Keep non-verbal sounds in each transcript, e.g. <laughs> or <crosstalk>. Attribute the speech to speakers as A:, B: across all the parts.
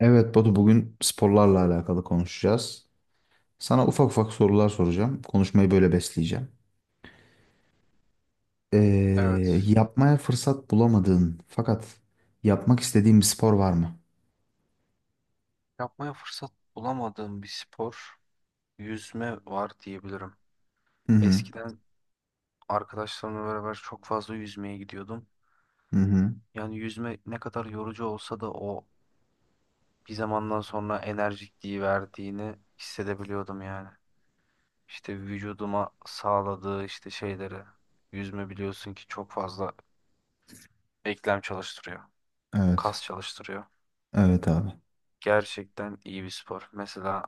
A: Evet Batu, bugün sporlarla alakalı konuşacağız. Sana ufak ufak sorular soracağım. Konuşmayı böyle besleyeceğim. Ee,
B: Evet.
A: yapmaya fırsat bulamadığın fakat yapmak istediğin bir spor var mı?
B: Yapmaya fırsat bulamadığım bir spor yüzme var diyebilirim.
A: Hı hı.
B: Eskiden arkadaşlarımla beraber çok fazla yüzmeye gidiyordum.
A: Hı hı.
B: Yüzme ne kadar yorucu olsa da o bir zamandan sonra enerjikliği verdiğini hissedebiliyordum. İşte vücuduma sağladığı şeyleri. Yüzme biliyorsun ki çok fazla eklem çalıştırıyor.
A: Evet.
B: Kas çalıştırıyor.
A: Evet abi.
B: Gerçekten iyi bir spor. Mesela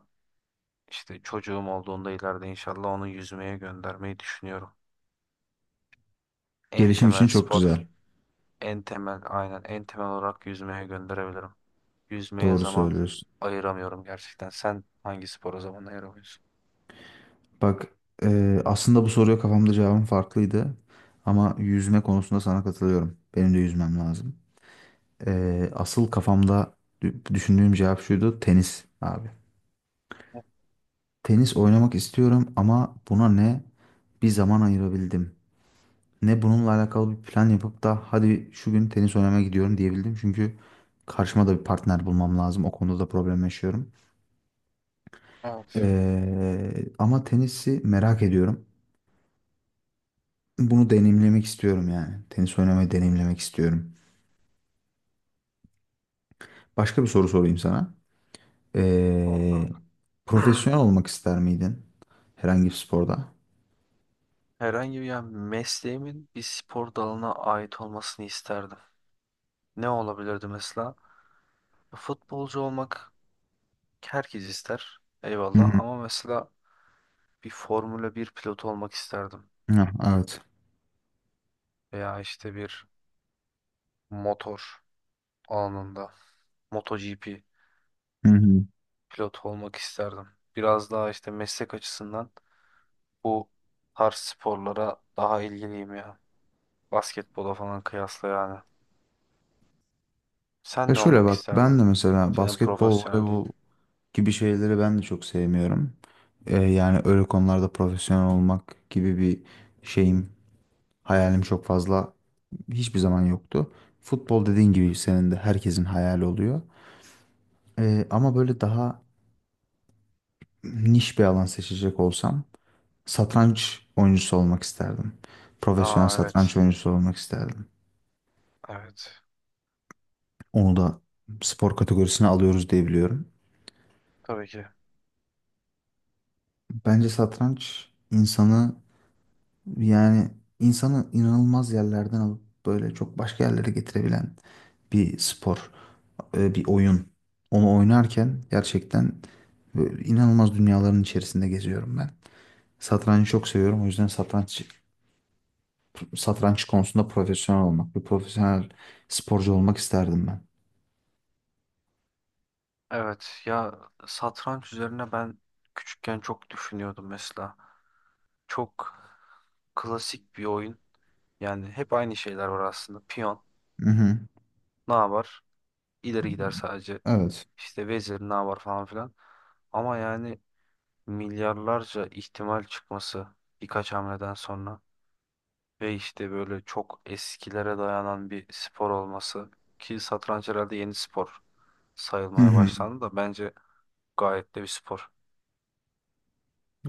B: işte çocuğum olduğunda ileride inşallah onu yüzmeye göndermeyi düşünüyorum. En
A: Gelişim için
B: temel
A: çok
B: spor.
A: güzel.
B: En temel aynen en temel olarak yüzmeye gönderebilirim. Yüzmeye
A: Doğru
B: zaman
A: söylüyorsun.
B: ayıramıyorum gerçekten. Sen hangi spora zaman ayıramıyorsun?
A: Bak, aslında bu soruya kafamda cevabım farklıydı. Ama yüzme konusunda sana katılıyorum. Benim de yüzmem lazım. Asıl kafamda düşündüğüm cevap şuydu, tenis abi. Tenis oynamak istiyorum ama buna ne bir zaman ayırabildim, ne bununla alakalı bir plan yapıp da hadi şu gün tenis oynamaya gidiyorum diyebildim. Çünkü karşıma da bir partner bulmam lazım. O konuda da problem yaşıyorum.
B: Evet,
A: Ama tenisi merak ediyorum. Bunu deneyimlemek istiyorum yani. Tenis oynamayı deneyimlemek istiyorum. Başka bir soru sorayım sana.
B: doğru
A: Ee,
B: kanka. <clears throat>
A: profesyonel olmak ister miydin? Herhangi bir sporda?
B: Herhangi bir mesleğimin bir spor dalına ait olmasını isterdim. Ne olabilirdi mesela? Futbolcu olmak herkes ister.
A: Hı
B: Eyvallah
A: hı.
B: ama mesela bir Formula bir pilotu olmak isterdim.
A: Hı, evet.
B: Veya işte bir motor alanında MotoGP. Pilot olmak isterdim. Biraz daha işte meslek açısından bu tarz sporlara daha ilgiliyim ya. Basketbola falan kıyasla yani.
A: Ya
B: Sen ne
A: şöyle
B: olmak
A: bak, ben
B: isterdin?
A: de mesela
B: Senin
A: basketbol,
B: profesyonelliğin.
A: voleybol gibi şeyleri ben de çok sevmiyorum. Yani öyle konularda profesyonel olmak gibi bir şeyim, hayalim çok fazla hiçbir zaman yoktu. Futbol dediğin gibi senin de herkesin hayali oluyor. Ama böyle daha niş bir alan seçecek olsam satranç oyuncusu olmak isterdim. Profesyonel
B: Aa evet.
A: satranç oyuncusu olmak isterdim.
B: Evet.
A: Onu da spor kategorisine alıyoruz diye biliyorum.
B: Tabii ki.
A: Bence satranç insanı, yani insanı inanılmaz yerlerden alıp böyle çok başka yerlere getirebilen bir spor, bir oyun. Onu oynarken gerçekten böyle inanılmaz dünyaların içerisinde geziyorum ben. Satrancı çok seviyorum. O yüzden satranç konusunda profesyonel olmak, bir profesyonel sporcu olmak isterdim ben.
B: Evet ya, satranç üzerine ben küçükken çok düşünüyordum mesela. Çok klasik bir oyun. Yani hep aynı şeyler var aslında. Piyon
A: Hı hı.
B: ne yapar? İleri gider sadece.
A: Evet.
B: İşte vezir ne yapar falan filan. Ama yani milyarlarca ihtimal çıkması birkaç hamleden sonra ve işte böyle çok eskilere dayanan bir spor olması ki satranç herhalde yeni spor
A: Hı
B: sayılmaya
A: hı.
B: başlandı da bence gayet de bir spor.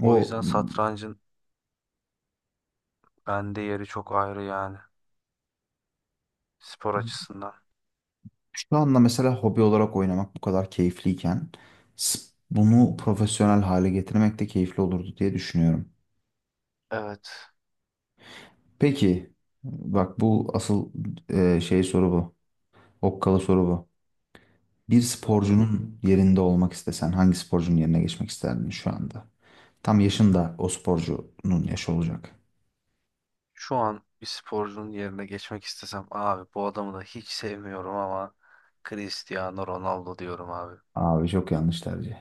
B: O yüzden satrancın bende yeri çok ayrı yani spor açısından.
A: şu anda mesela hobi olarak oynamak bu kadar keyifliyken, s- bunu profesyonel hale getirmek de keyifli olurdu diye düşünüyorum.
B: Evet.
A: Peki, bak bu asıl, şey soru bu. Okkalı soru bu. Bir
B: Bir bakalım.
A: sporcunun yerinde olmak istesen hangi sporcunun yerine geçmek isterdin şu anda? Tam yaşın da o sporcunun yaşı olacak.
B: Şu an bir sporcunun yerine geçmek istesem abi bu adamı da hiç sevmiyorum ama Cristiano Ronaldo diyorum abi.
A: Abi çok yanlış tercih.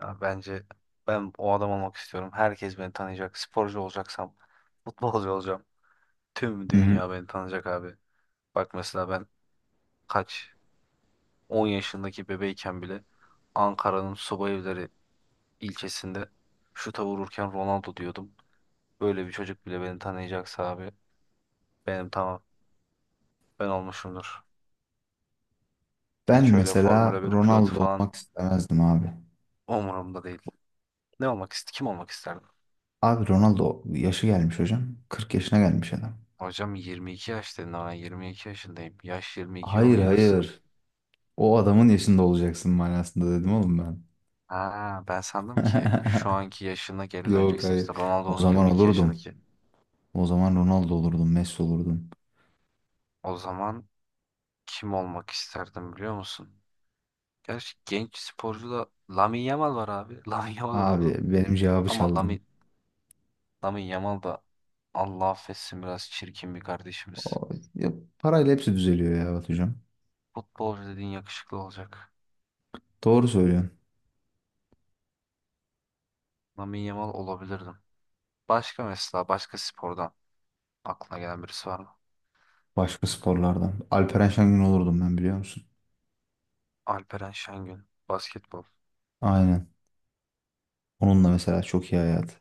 B: Ya bence ben o adam olmak istiyorum. Herkes beni tanıyacak. Sporcu olacaksam futbolcu olacağım. Tüm
A: Hı hı.
B: dünya beni tanıyacak abi. Bak mesela ben kaç 10 yaşındaki bebeyken bile Ankara'nın Subayevleri ilçesinde şuta vururken Ronaldo diyordum. Böyle bir çocuk bile beni tanıyacaksa abi benim tamam ben olmuşumdur.
A: Ben
B: Hiç öyle
A: mesela
B: Formula bir pilotu
A: Ronaldo
B: falan
A: olmak istemezdim abi.
B: umurumda değil. Ne olmak ist Kim olmak isterdim?
A: Abi Ronaldo yaşı gelmiş hocam. 40 yaşına gelmiş adam.
B: Hocam 22 yaş dedin ama ben 22 yaşındayım. Yaş 22 yolun
A: Hayır,
B: yarısı.
A: hayır. O adamın yaşında olacaksın manasında dedim oğlum ben.
B: Ha, ben sandım ki şu anki yaşına
A: <laughs>
B: geri
A: Yok,
B: döneceksin,
A: hayır.
B: işte
A: O
B: Ronaldo'nun
A: zaman
B: 22
A: olurdum.
B: yaşındaki.
A: O zaman Ronaldo olurdun, Messi olurdun.
B: O zaman kim olmak isterdim biliyor musun? Gerçi genç sporcu da Lamine Yamal var abi. <laughs> Lamine Yamal
A: Abi
B: olurdum.
A: benim cevabı
B: Ama
A: çaldın.
B: Lamine Yamal da Allah affetsin biraz çirkin bir kardeşimiz.
A: O, ya, parayla hepsi düzeliyor ya Batucuğum.
B: Futbolcu dediğin yakışıklı olacak.
A: Doğru söylüyorsun.
B: Lamine Yamal olabilirdim. Başka mesela başka spordan aklına gelen birisi var mı?
A: Başka sporlardan. Alperen Şengün olurdum ben, biliyor musun?
B: Alperen Şengün. Basketbol.
A: Aynen. Onunla mesela çok iyi hayat.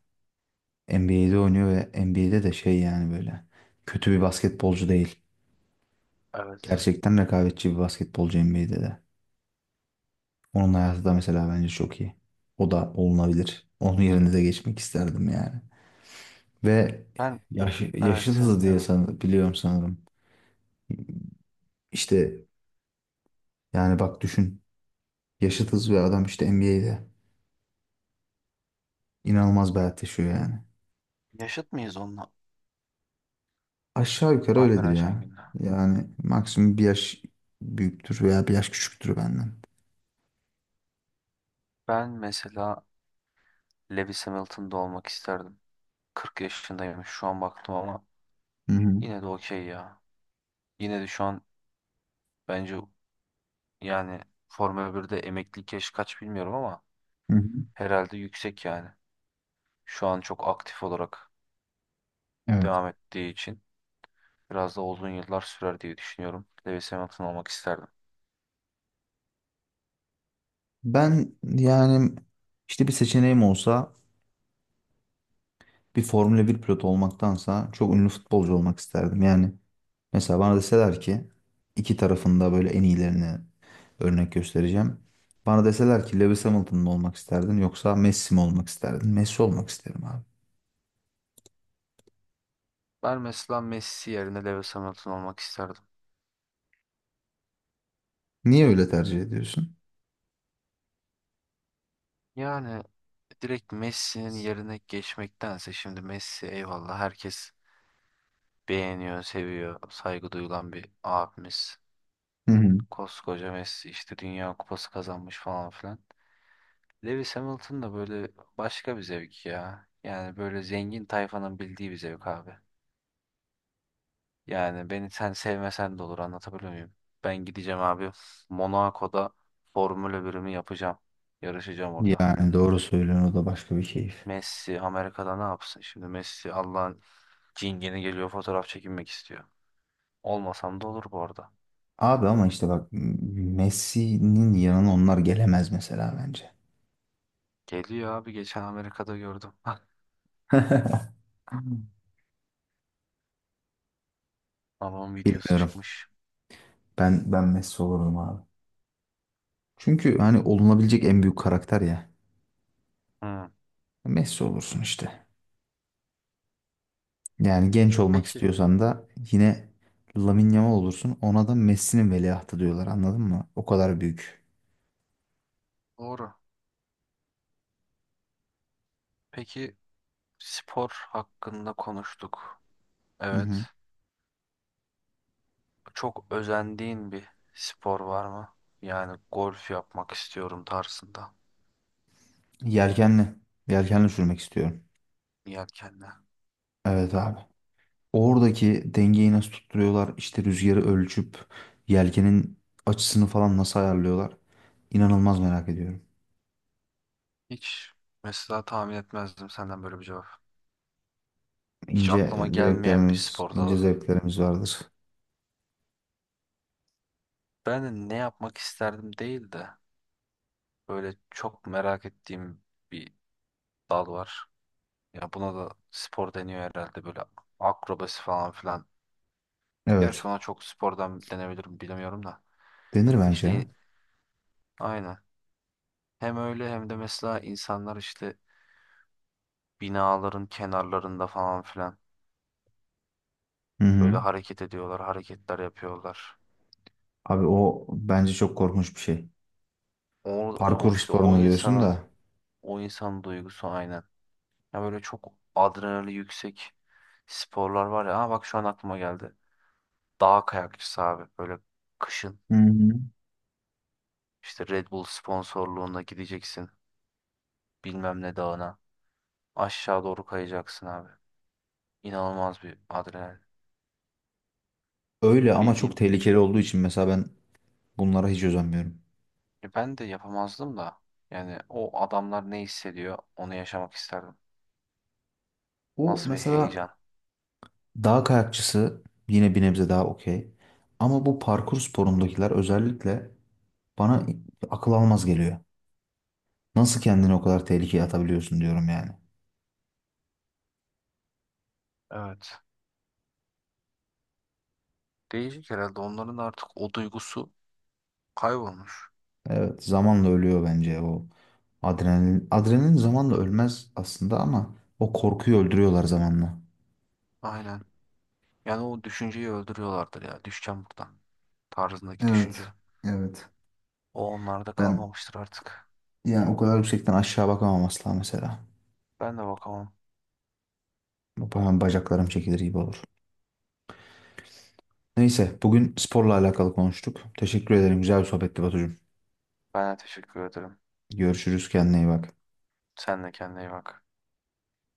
A: NBA'de oynuyor ve NBA'de de şey yani böyle. Kötü bir basketbolcu değil.
B: Evet.
A: Gerçekten rekabetçi bir basketbolcu NBA'de de. Onun hayatı da mesela bence çok iyi. O da olunabilir. Onun yerine de geçmek isterdim yani. Ve
B: Ben
A: yaş,
B: evet,
A: yaşı
B: seni
A: da diye
B: dinliyorum.
A: san, biliyorum sanırım. İşte yani bak düşün. Yaşıtız ve adam işte NBA'de. İnanılmaz bir hayat yaşıyor yani.
B: Yaşıt mıyız onunla?
A: Aşağı yukarı öyledir
B: Alperen
A: ya.
B: Şengün'le.
A: Yani maksimum bir yaş büyüktür veya bir yaş küçüktür benden.
B: Ben mesela Lewis Hamilton'da olmak isterdim. 40 yaşındayım şu an baktım ama
A: Hı hı.
B: yine de okey ya. Yine de şu an bence yani Formula 1'de emeklilik yaşı kaç bilmiyorum ama
A: Hı hı.
B: herhalde yüksek yani. Şu an çok aktif olarak
A: Evet.
B: devam ettiği için biraz da uzun yıllar sürer diye düşünüyorum. Lewis Hamilton olmak isterdim.
A: Ben yani işte bir seçeneğim olsa bir Formula bir pilotu olmaktansa çok ünlü futbolcu olmak isterdim. Yani mesela bana deseler ki iki tarafında böyle en iyilerini örnek göstereceğim. Bana deseler ki Lewis Hamilton mı olmak isterdin yoksa Messi mi olmak isterdin? Messi olmak isterim abi.
B: Ben mesela Messi yerine Lewis Hamilton olmak isterdim.
A: Niye öyle tercih ediyorsun?
B: Yani Direkt Messi'nin yerine geçmektense şimdi Messi eyvallah herkes beğeniyor, seviyor, saygı duyulan bir abimiz.
A: Hı hı.
B: Koskoca Messi işte Dünya Kupası kazanmış falan filan. Lewis Hamilton da böyle başka bir zevk ya. Yani böyle zengin tayfanın bildiği bir zevk abi. Yani beni sen sevmesen de olur, anlatabiliyor muyum? Ben gideceğim abi Monaco'da Formula birimi yapacağım. Yarışacağım orada.
A: Yani doğru söylüyorsun, o da başka bir keyif.
B: Messi Amerika'da ne yapsın? Şimdi Messi Allah'ın cingeni geliyor fotoğraf çekinmek istiyor. Olmasam da olur bu arada.
A: Abi ama işte bak, Messi'nin yanına onlar gelemez mesela bence.
B: Geliyor abi geçen Amerika'da gördüm. <laughs>
A: <laughs>
B: Balon videosu
A: Bilmiyorum.
B: çıkmış.
A: Ben Messi olurdum abi. Çünkü hani olunabilecek en büyük karakter ya.
B: Hı.
A: Messi olursun işte. Yani genç olmak
B: Peki
A: istiyorsan da yine Lamine Yamal olursun. Ona da Messi'nin veliahtı diyorlar, anladın mı? O kadar büyük.
B: doğru. Peki spor hakkında konuştuk.
A: Hı hı.
B: Evet. Çok özendiğin bir spor var mı? Yani golf yapmak istiyorum tarzında.
A: Yelkenli. Yelkenli sürmek istiyorum.
B: Yelkenle.
A: Evet abi. Oradaki dengeyi nasıl tutturuyorlar? İşte rüzgarı ölçüp yelkenin açısını falan nasıl ayarlıyorlar? İnanılmaz merak ediyorum.
B: Hiç mesela tahmin etmezdim senden böyle bir cevap. Hiç
A: İnce
B: aklıma gelmeyen bir
A: zevklerimiz,
B: spor
A: ince
B: dalı.
A: zevklerimiz vardır.
B: Ben de ne yapmak isterdim değil de böyle çok merak ettiğim bir dal var. Ya buna da spor deniyor herhalde, böyle akrobasi falan filan.
A: Evet.
B: Gerçi ona çok spordan denebilirim bilemiyorum da.
A: Denir bence ya.
B: İşte aynen. Hem öyle hem de mesela insanlar işte binaların kenarlarında falan filan
A: Hı
B: böyle
A: hı.
B: hareket ediyorlar, hareketler yapıyorlar.
A: Abi o bence çok korkunç bir şey.
B: O, O
A: Parkur
B: işte
A: sporunu diyorsun da.
B: o insanın duygusu aynen. Ya böyle çok adrenali yüksek sporlar var ya. Ha bak şu an aklıma geldi. Dağ kayakçısı abi böyle kışın
A: Hı hı.
B: işte Red Bull sponsorluğunda gideceksin bilmem ne dağına. Aşağı doğru kayacaksın abi. İnanılmaz bir adrenalin.
A: Öyle ama çok
B: Bildiğin
A: tehlikeli olduğu için mesela ben bunlara hiç özenmiyorum.
B: ben de yapamazdım da. Yani o adamlar ne hissediyor onu yaşamak isterdim.
A: Bu
B: Nasıl bir
A: mesela
B: heyecan.
A: dağ kayakçısı yine bir nebze daha okey. Ama bu parkur sporundakiler özellikle bana akıl almaz geliyor. Nasıl kendini o kadar tehlikeye atabiliyorsun diyorum yani.
B: Evet. Değişik herhalde onların artık o duygusu kaybolmuş.
A: Evet zamanla ölüyor bence o adrenalin. Adrenalin zamanla ölmez aslında ama o korkuyu öldürüyorlar zamanla.
B: Aynen. Yani o düşünceyi öldürüyorlardır ya. Düşeceğim buradan. Tarzındaki
A: Evet,
B: düşünce.
A: evet.
B: O onlarda
A: Ben
B: kalmamıştır artık.
A: yani o kadar yüksekten aşağı bakamam asla mesela.
B: Ben de bakamam.
A: Hemen bacaklarım çekilir gibi olur. Neyse bugün sporla alakalı konuştuk. Teşekkür ederim. Güzel bir sohbetti Batucuğum.
B: Ben de teşekkür ederim.
A: Görüşürüz. Kendine iyi bak.
B: Sen de kendine iyi bak.